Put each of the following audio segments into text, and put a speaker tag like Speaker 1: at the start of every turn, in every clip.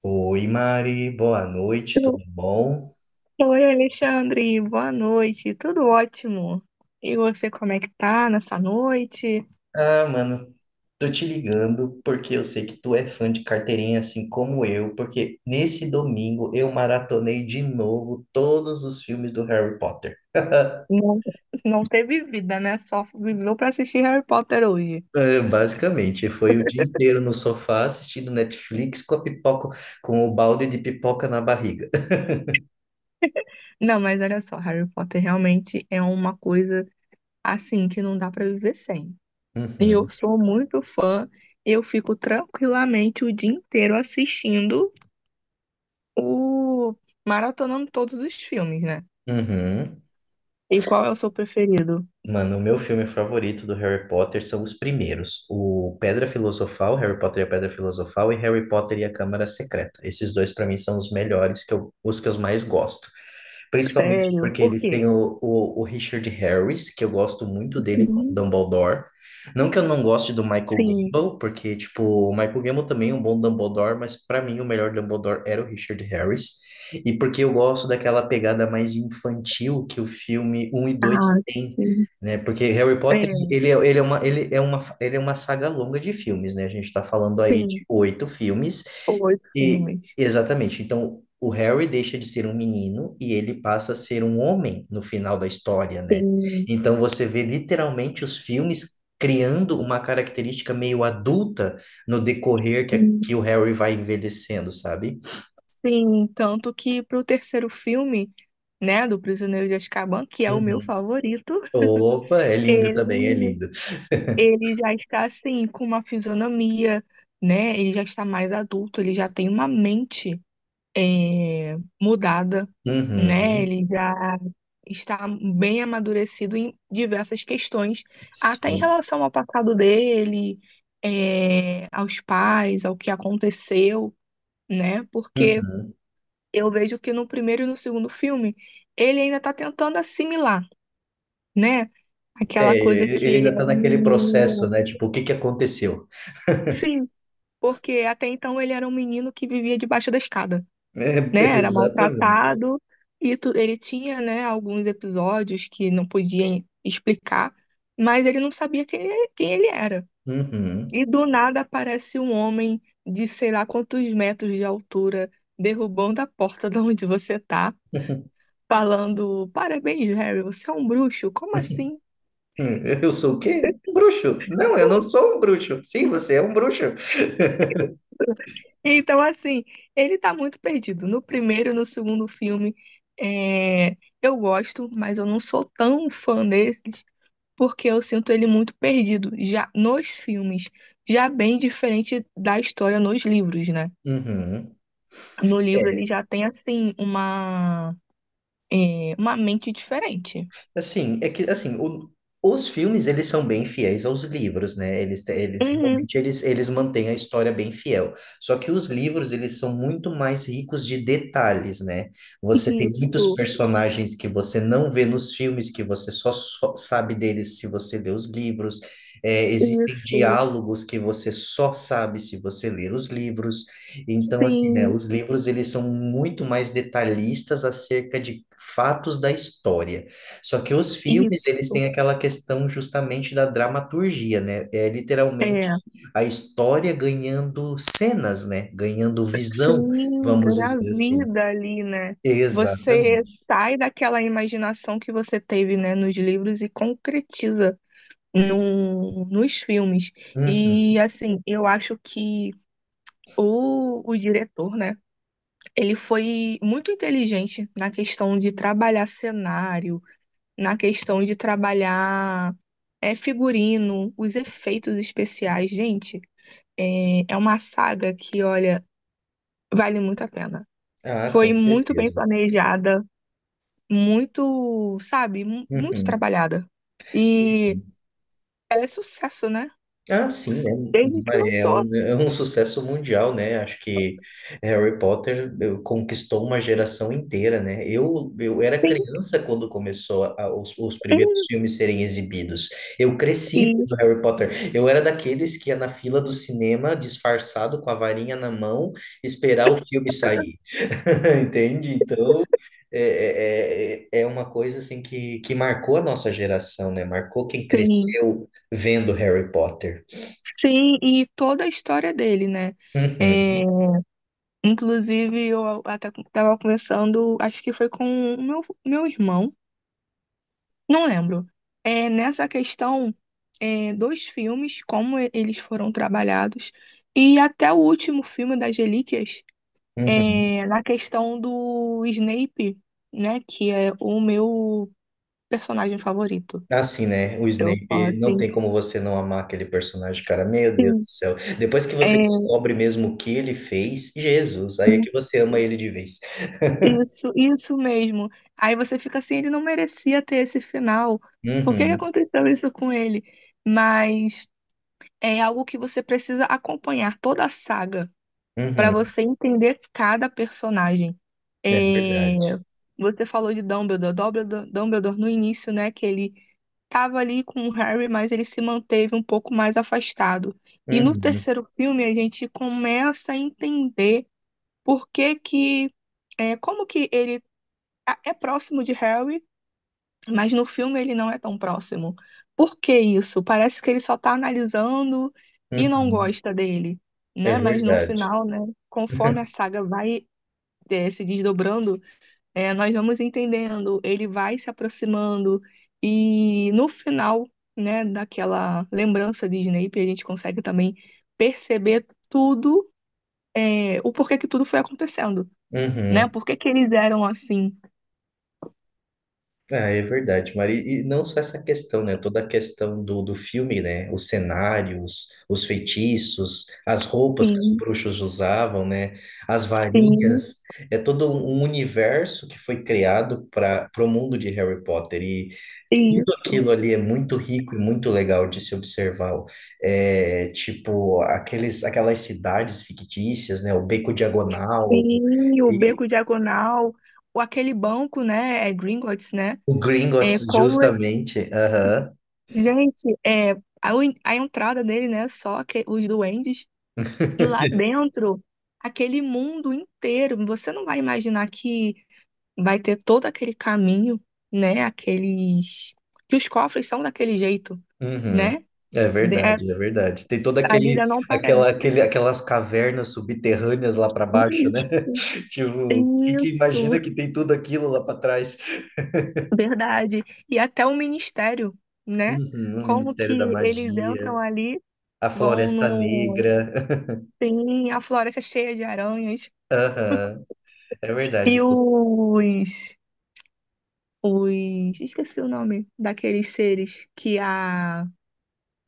Speaker 1: Oi, Mari, boa noite, tudo bom?
Speaker 2: Oi, Alexandre, boa noite. Tudo ótimo. E você, como é que tá nessa noite?
Speaker 1: Ah, mano, tô te ligando porque eu sei que tu é fã de carteirinha assim como eu, porque nesse domingo eu maratonei de novo todos os filmes do Harry Potter.
Speaker 2: Não, não teve vida, né? Só viveu pra assistir Harry Potter hoje.
Speaker 1: É, basicamente, foi o dia inteiro no sofá assistindo Netflix com a pipoca, com o balde de pipoca na barriga.
Speaker 2: Não, mas olha só, Harry Potter realmente é uma coisa assim que não dá pra viver sem. Eu sou muito fã, eu fico tranquilamente o dia inteiro assistindo o maratonando todos os filmes, né?
Speaker 1: Uhum, uhum.
Speaker 2: E qual é o seu preferido?
Speaker 1: Mano, o meu filme favorito do Harry Potter são os primeiros. O Pedra Filosofal, Harry Potter e a Pedra Filosofal, e Harry Potter e a Câmara Secreta. Esses dois, pra mim, são os melhores, os que eu mais gosto. Principalmente
Speaker 2: Sério?
Speaker 1: porque
Speaker 2: Por
Speaker 1: eles
Speaker 2: quê?
Speaker 1: têm o Richard Harris, que eu gosto muito dele como
Speaker 2: Sim.
Speaker 1: Dumbledore. Não que eu não goste do Michael
Speaker 2: Sim.
Speaker 1: Gambon, porque, tipo, o Michael Gambon também é um bom Dumbledore, mas pra mim o melhor Dumbledore era o Richard Harris. E porque eu gosto daquela pegada mais infantil que o filme um e dois
Speaker 2: Ah,
Speaker 1: tem,
Speaker 2: sim.
Speaker 1: né? Porque Harry
Speaker 2: É,
Speaker 1: Potter, ele é uma saga longa de filmes, né? A gente tá falando aí de
Speaker 2: sim.
Speaker 1: 8 filmes,
Speaker 2: Oito
Speaker 1: e,
Speaker 2: filmes.
Speaker 1: exatamente. Então, o Harry deixa de ser um menino e ele passa a ser um homem no final da história, né?
Speaker 2: Sim,
Speaker 1: Então, você vê literalmente os filmes criando uma característica meio adulta no decorrer que, é,
Speaker 2: sim,
Speaker 1: que o Harry vai envelhecendo, sabe?
Speaker 2: sim. Tanto que pro terceiro filme, né, do Prisioneiro de Azkaban, que é o meu
Speaker 1: Uhum.
Speaker 2: favorito,
Speaker 1: Opa, é lindo
Speaker 2: ele,
Speaker 1: também, é lindo.
Speaker 2: ele já está, assim, com uma fisionomia, né? Ele já está mais adulto, ele já tem uma mente. é, Mudada, né?
Speaker 1: Uhum.
Speaker 2: Ele já está bem amadurecido em diversas questões, até em
Speaker 1: Sim.
Speaker 2: relação ao passado dele, aos pais, ao que aconteceu, né? Porque
Speaker 1: Uhum.
Speaker 2: eu vejo que no primeiro e no segundo filme ele ainda está tentando assimilar, né? Aquela
Speaker 1: É,
Speaker 2: coisa que
Speaker 1: ele
Speaker 2: ele é
Speaker 1: ainda tá
Speaker 2: um
Speaker 1: naquele processo,
Speaker 2: menino.
Speaker 1: né? Tipo, o que que aconteceu?
Speaker 2: Sim, porque até então ele era um menino que vivia debaixo da escada.
Speaker 1: É,
Speaker 2: Né? Era
Speaker 1: exatamente.
Speaker 2: maltratado e ele tinha, né, alguns episódios que não podia explicar, mas ele não sabia quem ele era.
Speaker 1: Uhum.
Speaker 2: E do nada aparece um homem de sei lá quantos metros de altura derrubando a porta de onde você tá, falando: Parabéns, Harry, você é um bruxo, como assim?
Speaker 1: Eu sou o quê? Um bruxo. Não, eu não sou um bruxo. Sim, você é um bruxo.
Speaker 2: Então, assim, ele tá muito perdido. No primeiro e no segundo filme, eu gosto, mas eu não sou tão fã desses. Porque eu sinto ele muito perdido, já nos filmes, já bem diferente da história nos livros, né?
Speaker 1: Uhum.
Speaker 2: No livro ele
Speaker 1: É.
Speaker 2: já tem, assim, uma mente diferente.
Speaker 1: Assim, é que assim, o- os filmes eles são bem fiéis aos livros, né? Eles
Speaker 2: Uhum,
Speaker 1: realmente eles mantêm a história bem fiel. Só que os livros eles são muito mais ricos de detalhes, né? Você tem muitos
Speaker 2: isso,
Speaker 1: personagens que você não vê nos filmes, que você só sabe deles se você lê os livros. É, existem
Speaker 2: isso,
Speaker 1: diálogos que você só sabe se você ler os livros. Então, assim, né?
Speaker 2: sim,
Speaker 1: Os livros eles são muito mais detalhistas acerca de fatos da história. Só que os filmes,
Speaker 2: isso.
Speaker 1: eles têm aquela questão justamente da dramaturgia, né? É literalmente
Speaker 2: É,
Speaker 1: a história ganhando cenas, né? Ganhando
Speaker 2: sim,
Speaker 1: visão, vamos dizer assim.
Speaker 2: engravida ali, né? Você
Speaker 1: Exatamente.
Speaker 2: sai daquela imaginação que você teve, né, nos livros e concretiza no, nos filmes.
Speaker 1: Uhum.
Speaker 2: E assim, eu acho que o diretor, né? Ele foi muito inteligente na questão de trabalhar cenário, na questão de trabalhar figurino, os efeitos especiais. Gente, é uma saga que, olha, vale muito a pena.
Speaker 1: Ah,
Speaker 2: Foi
Speaker 1: com
Speaker 2: muito bem
Speaker 1: certeza.
Speaker 2: planejada, muito, sabe, muito
Speaker 1: Uhum.
Speaker 2: trabalhada. E ela é sucesso, né?
Speaker 1: Ah, sim, né?
Speaker 2: Desde que lançou.
Speaker 1: É um sucesso mundial, né? Acho que Harry Potter conquistou uma geração inteira, né? Eu era
Speaker 2: Tem,
Speaker 1: criança quando os primeiros
Speaker 2: tem,
Speaker 1: filmes serem exibidos. Eu cresci
Speaker 2: e
Speaker 1: do Harry Potter. Eu era daqueles que ia na fila do cinema, disfarçado, com a varinha na mão, esperar o filme sair. Entende? Então, é uma coisa assim que marcou a nossa geração, né? Marcou quem
Speaker 2: tem
Speaker 1: cresceu vendo Harry Potter.
Speaker 2: Sim, e toda a história dele, né?
Speaker 1: Uhum,
Speaker 2: É, inclusive, eu até estava conversando, acho que foi com o meu irmão, não lembro. É, nessa questão, dos filmes, como eles foram trabalhados, e até o último filme das Relíquias,
Speaker 1: uhum.
Speaker 2: na questão do Snape, né? Que é o meu personagem favorito.
Speaker 1: Assim, né? O
Speaker 2: Eu falo
Speaker 1: Snape, não
Speaker 2: assim,
Speaker 1: tem como você não amar aquele personagem, cara. Meu Deus do
Speaker 2: sim.
Speaker 1: céu. Depois que você
Speaker 2: É,
Speaker 1: descobre mesmo o que ele fez, Jesus, aí é que você ama ele de vez.
Speaker 2: Isso, isso mesmo. Aí você fica assim, ele não merecia ter esse final. Por que que
Speaker 1: Uhum,
Speaker 2: aconteceu isso com ele? Mas é algo que você precisa acompanhar toda a saga para
Speaker 1: uhum.
Speaker 2: você entender cada personagem.
Speaker 1: É
Speaker 2: É,
Speaker 1: verdade.
Speaker 2: você falou de Dumbledore no início, né? Que ele estava ali com o Harry, mas ele se manteve um pouco mais afastado. E no
Speaker 1: Uhum,
Speaker 2: terceiro filme a gente começa a entender por que que, é, como que ele é próximo de Harry, mas no filme ele não é tão próximo. Por que isso? Parece que ele só tá analisando e não
Speaker 1: uhum.
Speaker 2: gosta dele,
Speaker 1: É
Speaker 2: né? Mas no
Speaker 1: verdade.
Speaker 2: final, né, conforme a saga vai se desdobrando, nós vamos entendendo, ele vai se aproximando e no final, né, daquela lembrança de Snape, a gente consegue também perceber tudo, o porquê que tudo foi acontecendo, né?
Speaker 1: Uhum.
Speaker 2: Por que que eles eram assim?
Speaker 1: Ah, é verdade, Mari. E não só essa questão, né? Toda a questão do filme, né? Os cenários, os feitiços, as roupas que os
Speaker 2: Sim,
Speaker 1: bruxos usavam, né? As
Speaker 2: sim.
Speaker 1: varinhas. É todo um universo que foi criado para o mundo de Harry Potter. E tudo
Speaker 2: Isso.
Speaker 1: aquilo ali é muito rico e muito legal de se observar. É, tipo, aquelas cidades fictícias, né? O Beco Diagonal
Speaker 2: Sim, o
Speaker 1: e
Speaker 2: Beco Diagonal, o aquele banco, né? É Gringotts, né?
Speaker 1: o
Speaker 2: É
Speaker 1: Gringotts,
Speaker 2: como. é-
Speaker 1: justamente. Aham.
Speaker 2: Gente, a, a entrada dele, né? Só que, os duendes. E lá dentro, aquele mundo inteiro. Você não vai imaginar que vai ter todo aquele caminho, né? Aqueles. Que os cofres são daquele jeito,
Speaker 1: Uhum.
Speaker 2: né?
Speaker 1: É
Speaker 2: De- é-
Speaker 1: verdade, é verdade. Tem toda
Speaker 2: a
Speaker 1: aquele,
Speaker 2: Lida não
Speaker 1: aquela,
Speaker 2: parece.
Speaker 1: aquele, aquelas cavernas subterrâneas lá para baixo, né?
Speaker 2: Isso.
Speaker 1: Tipo, que
Speaker 2: Isso.
Speaker 1: imagina que tem tudo aquilo lá para trás.
Speaker 2: Verdade. E até o ministério, né?
Speaker 1: Uhum, o
Speaker 2: Como
Speaker 1: Ministério da
Speaker 2: que eles entram
Speaker 1: Magia,
Speaker 2: ali,
Speaker 1: a
Speaker 2: vão
Speaker 1: Floresta
Speaker 2: no.
Speaker 1: Negra.
Speaker 2: sim, a floresta cheia de aranhas.
Speaker 1: Aham, é verdade.
Speaker 2: E
Speaker 1: Isso.
Speaker 2: os. Os. Esqueci o nome daqueles seres que a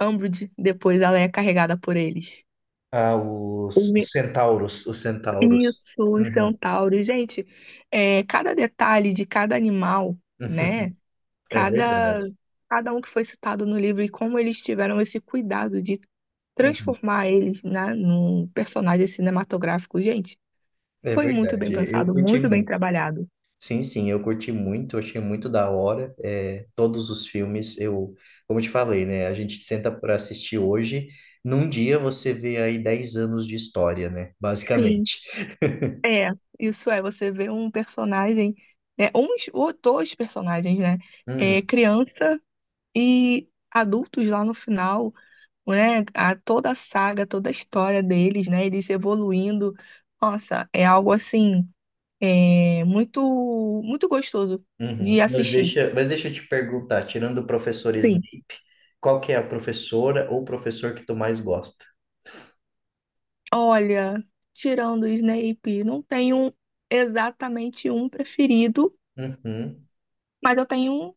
Speaker 2: Umbridge, depois ela é carregada por eles.
Speaker 1: Ah,
Speaker 2: Os
Speaker 1: os
Speaker 2: me-
Speaker 1: centauros, os centauros.
Speaker 2: Isso, os
Speaker 1: Uhum.
Speaker 2: centauros. Gente, é, cada detalhe de cada animal, né?
Speaker 1: É
Speaker 2: Cada,
Speaker 1: verdade.
Speaker 2: cada um que foi citado no livro e como eles tiveram esse cuidado de
Speaker 1: Uhum.
Speaker 2: transformar eles, né, num personagem cinematográfico. Gente,
Speaker 1: É
Speaker 2: foi muito bem
Speaker 1: verdade. Eu
Speaker 2: pensado,
Speaker 1: curti
Speaker 2: muito bem
Speaker 1: muito.
Speaker 2: trabalhado.
Speaker 1: Sim, sim, eu curti muito, achei muito da hora. É, todos os filmes, eu, como eu te falei, né? A gente senta para assistir hoje, num dia você vê aí 10 anos de história, né?
Speaker 2: Sim,
Speaker 1: Basicamente.
Speaker 2: é, isso é, você vê um personagem, né, uns ou dois personagens, né,
Speaker 1: Uhum,
Speaker 2: criança e adultos lá no final, né, a, toda a saga, toda a história deles, né, eles evoluindo, nossa, é algo assim. É muito, muito gostoso de
Speaker 1: uhum.
Speaker 2: assistir.
Speaker 1: Mas deixa eu te perguntar, tirando o professor Snape,
Speaker 2: Sim.
Speaker 1: qual que é a professora ou professor que tu mais gosta?
Speaker 2: Olha, tirando o Snape, não tenho exatamente um preferido,
Speaker 1: Uhum.
Speaker 2: mas eu tenho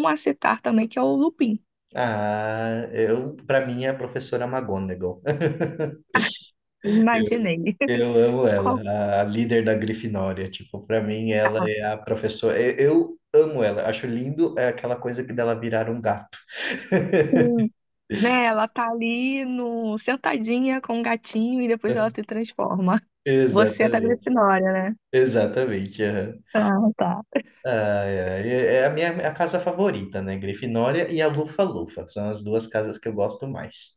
Speaker 2: um a citar também, que é o Lupin.
Speaker 1: Ah, eu, para mim é a professora McGonagall.
Speaker 2: Imaginei.
Speaker 1: Eu amo
Speaker 2: Qual
Speaker 1: ela, a líder da Grifinória. Tipo, pra mim, ela
Speaker 2: tá?
Speaker 1: é a professora. Eu amo ela, acho lindo é aquela coisa que dela virar um gato.
Speaker 2: Sim. Né, ela tá ali no, sentadinha com o gatinho e depois ela se transforma. Você é da
Speaker 1: Exatamente,
Speaker 2: Grifinória, né?
Speaker 1: exatamente. Aham.
Speaker 2: Ah, tá.
Speaker 1: Ai, ai, é é a minha a casa favorita, né? Grifinória e a Lufa-Lufa. São as duas casas que eu gosto mais.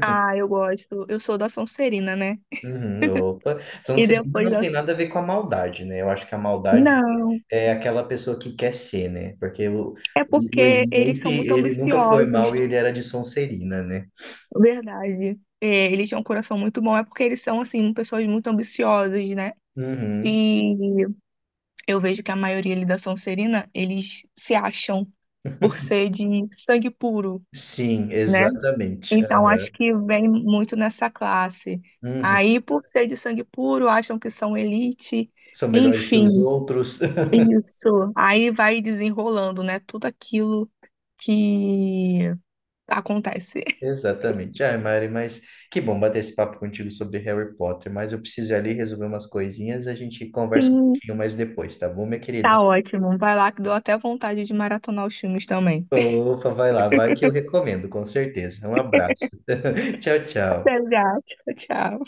Speaker 2: Ah, eu gosto. Eu sou da Sonserina, né?
Speaker 1: Uhum, opa. São
Speaker 2: E
Speaker 1: Celina
Speaker 2: depois
Speaker 1: não
Speaker 2: da...
Speaker 1: tem nada a ver com a maldade, né? Eu acho que a maldade
Speaker 2: Não.
Speaker 1: é aquela pessoa que quer ser, né?
Speaker 2: É
Speaker 1: O
Speaker 2: porque eles
Speaker 1: Snape,
Speaker 2: são muito
Speaker 1: ele nunca foi mal e
Speaker 2: ambiciosos,
Speaker 1: ele era de Sonserina, né?
Speaker 2: verdade. É, eles têm um coração muito bom, é porque eles são, assim, pessoas muito ambiciosas, né?
Speaker 1: Uhum.
Speaker 2: E eu vejo que a maioria ali da Sonserina, eles se acham por ser de sangue puro,
Speaker 1: Sim,
Speaker 2: né?
Speaker 1: exatamente. Ah,
Speaker 2: Então acho que vem muito nessa classe.
Speaker 1: uhum.
Speaker 2: Aí, por ser de sangue puro, acham que são elite,
Speaker 1: São melhores que os
Speaker 2: enfim,
Speaker 1: outros.
Speaker 2: é isso. Aí vai desenrolando, né? Tudo aquilo que acontece.
Speaker 1: Exatamente. Ai, Mari, mas que bom bater esse papo contigo sobre Harry Potter, mas eu preciso ir ali resolver umas coisinhas, a gente conversa um
Speaker 2: Sim,
Speaker 1: pouquinho mais depois, tá bom, minha querida?
Speaker 2: tá ótimo. Vai lá que deu até vontade de maratonar os filmes também.
Speaker 1: Opa, vai lá, vai que eu recomendo, com certeza. Um abraço. Tchau, tchau.
Speaker 2: Exato. Tchau.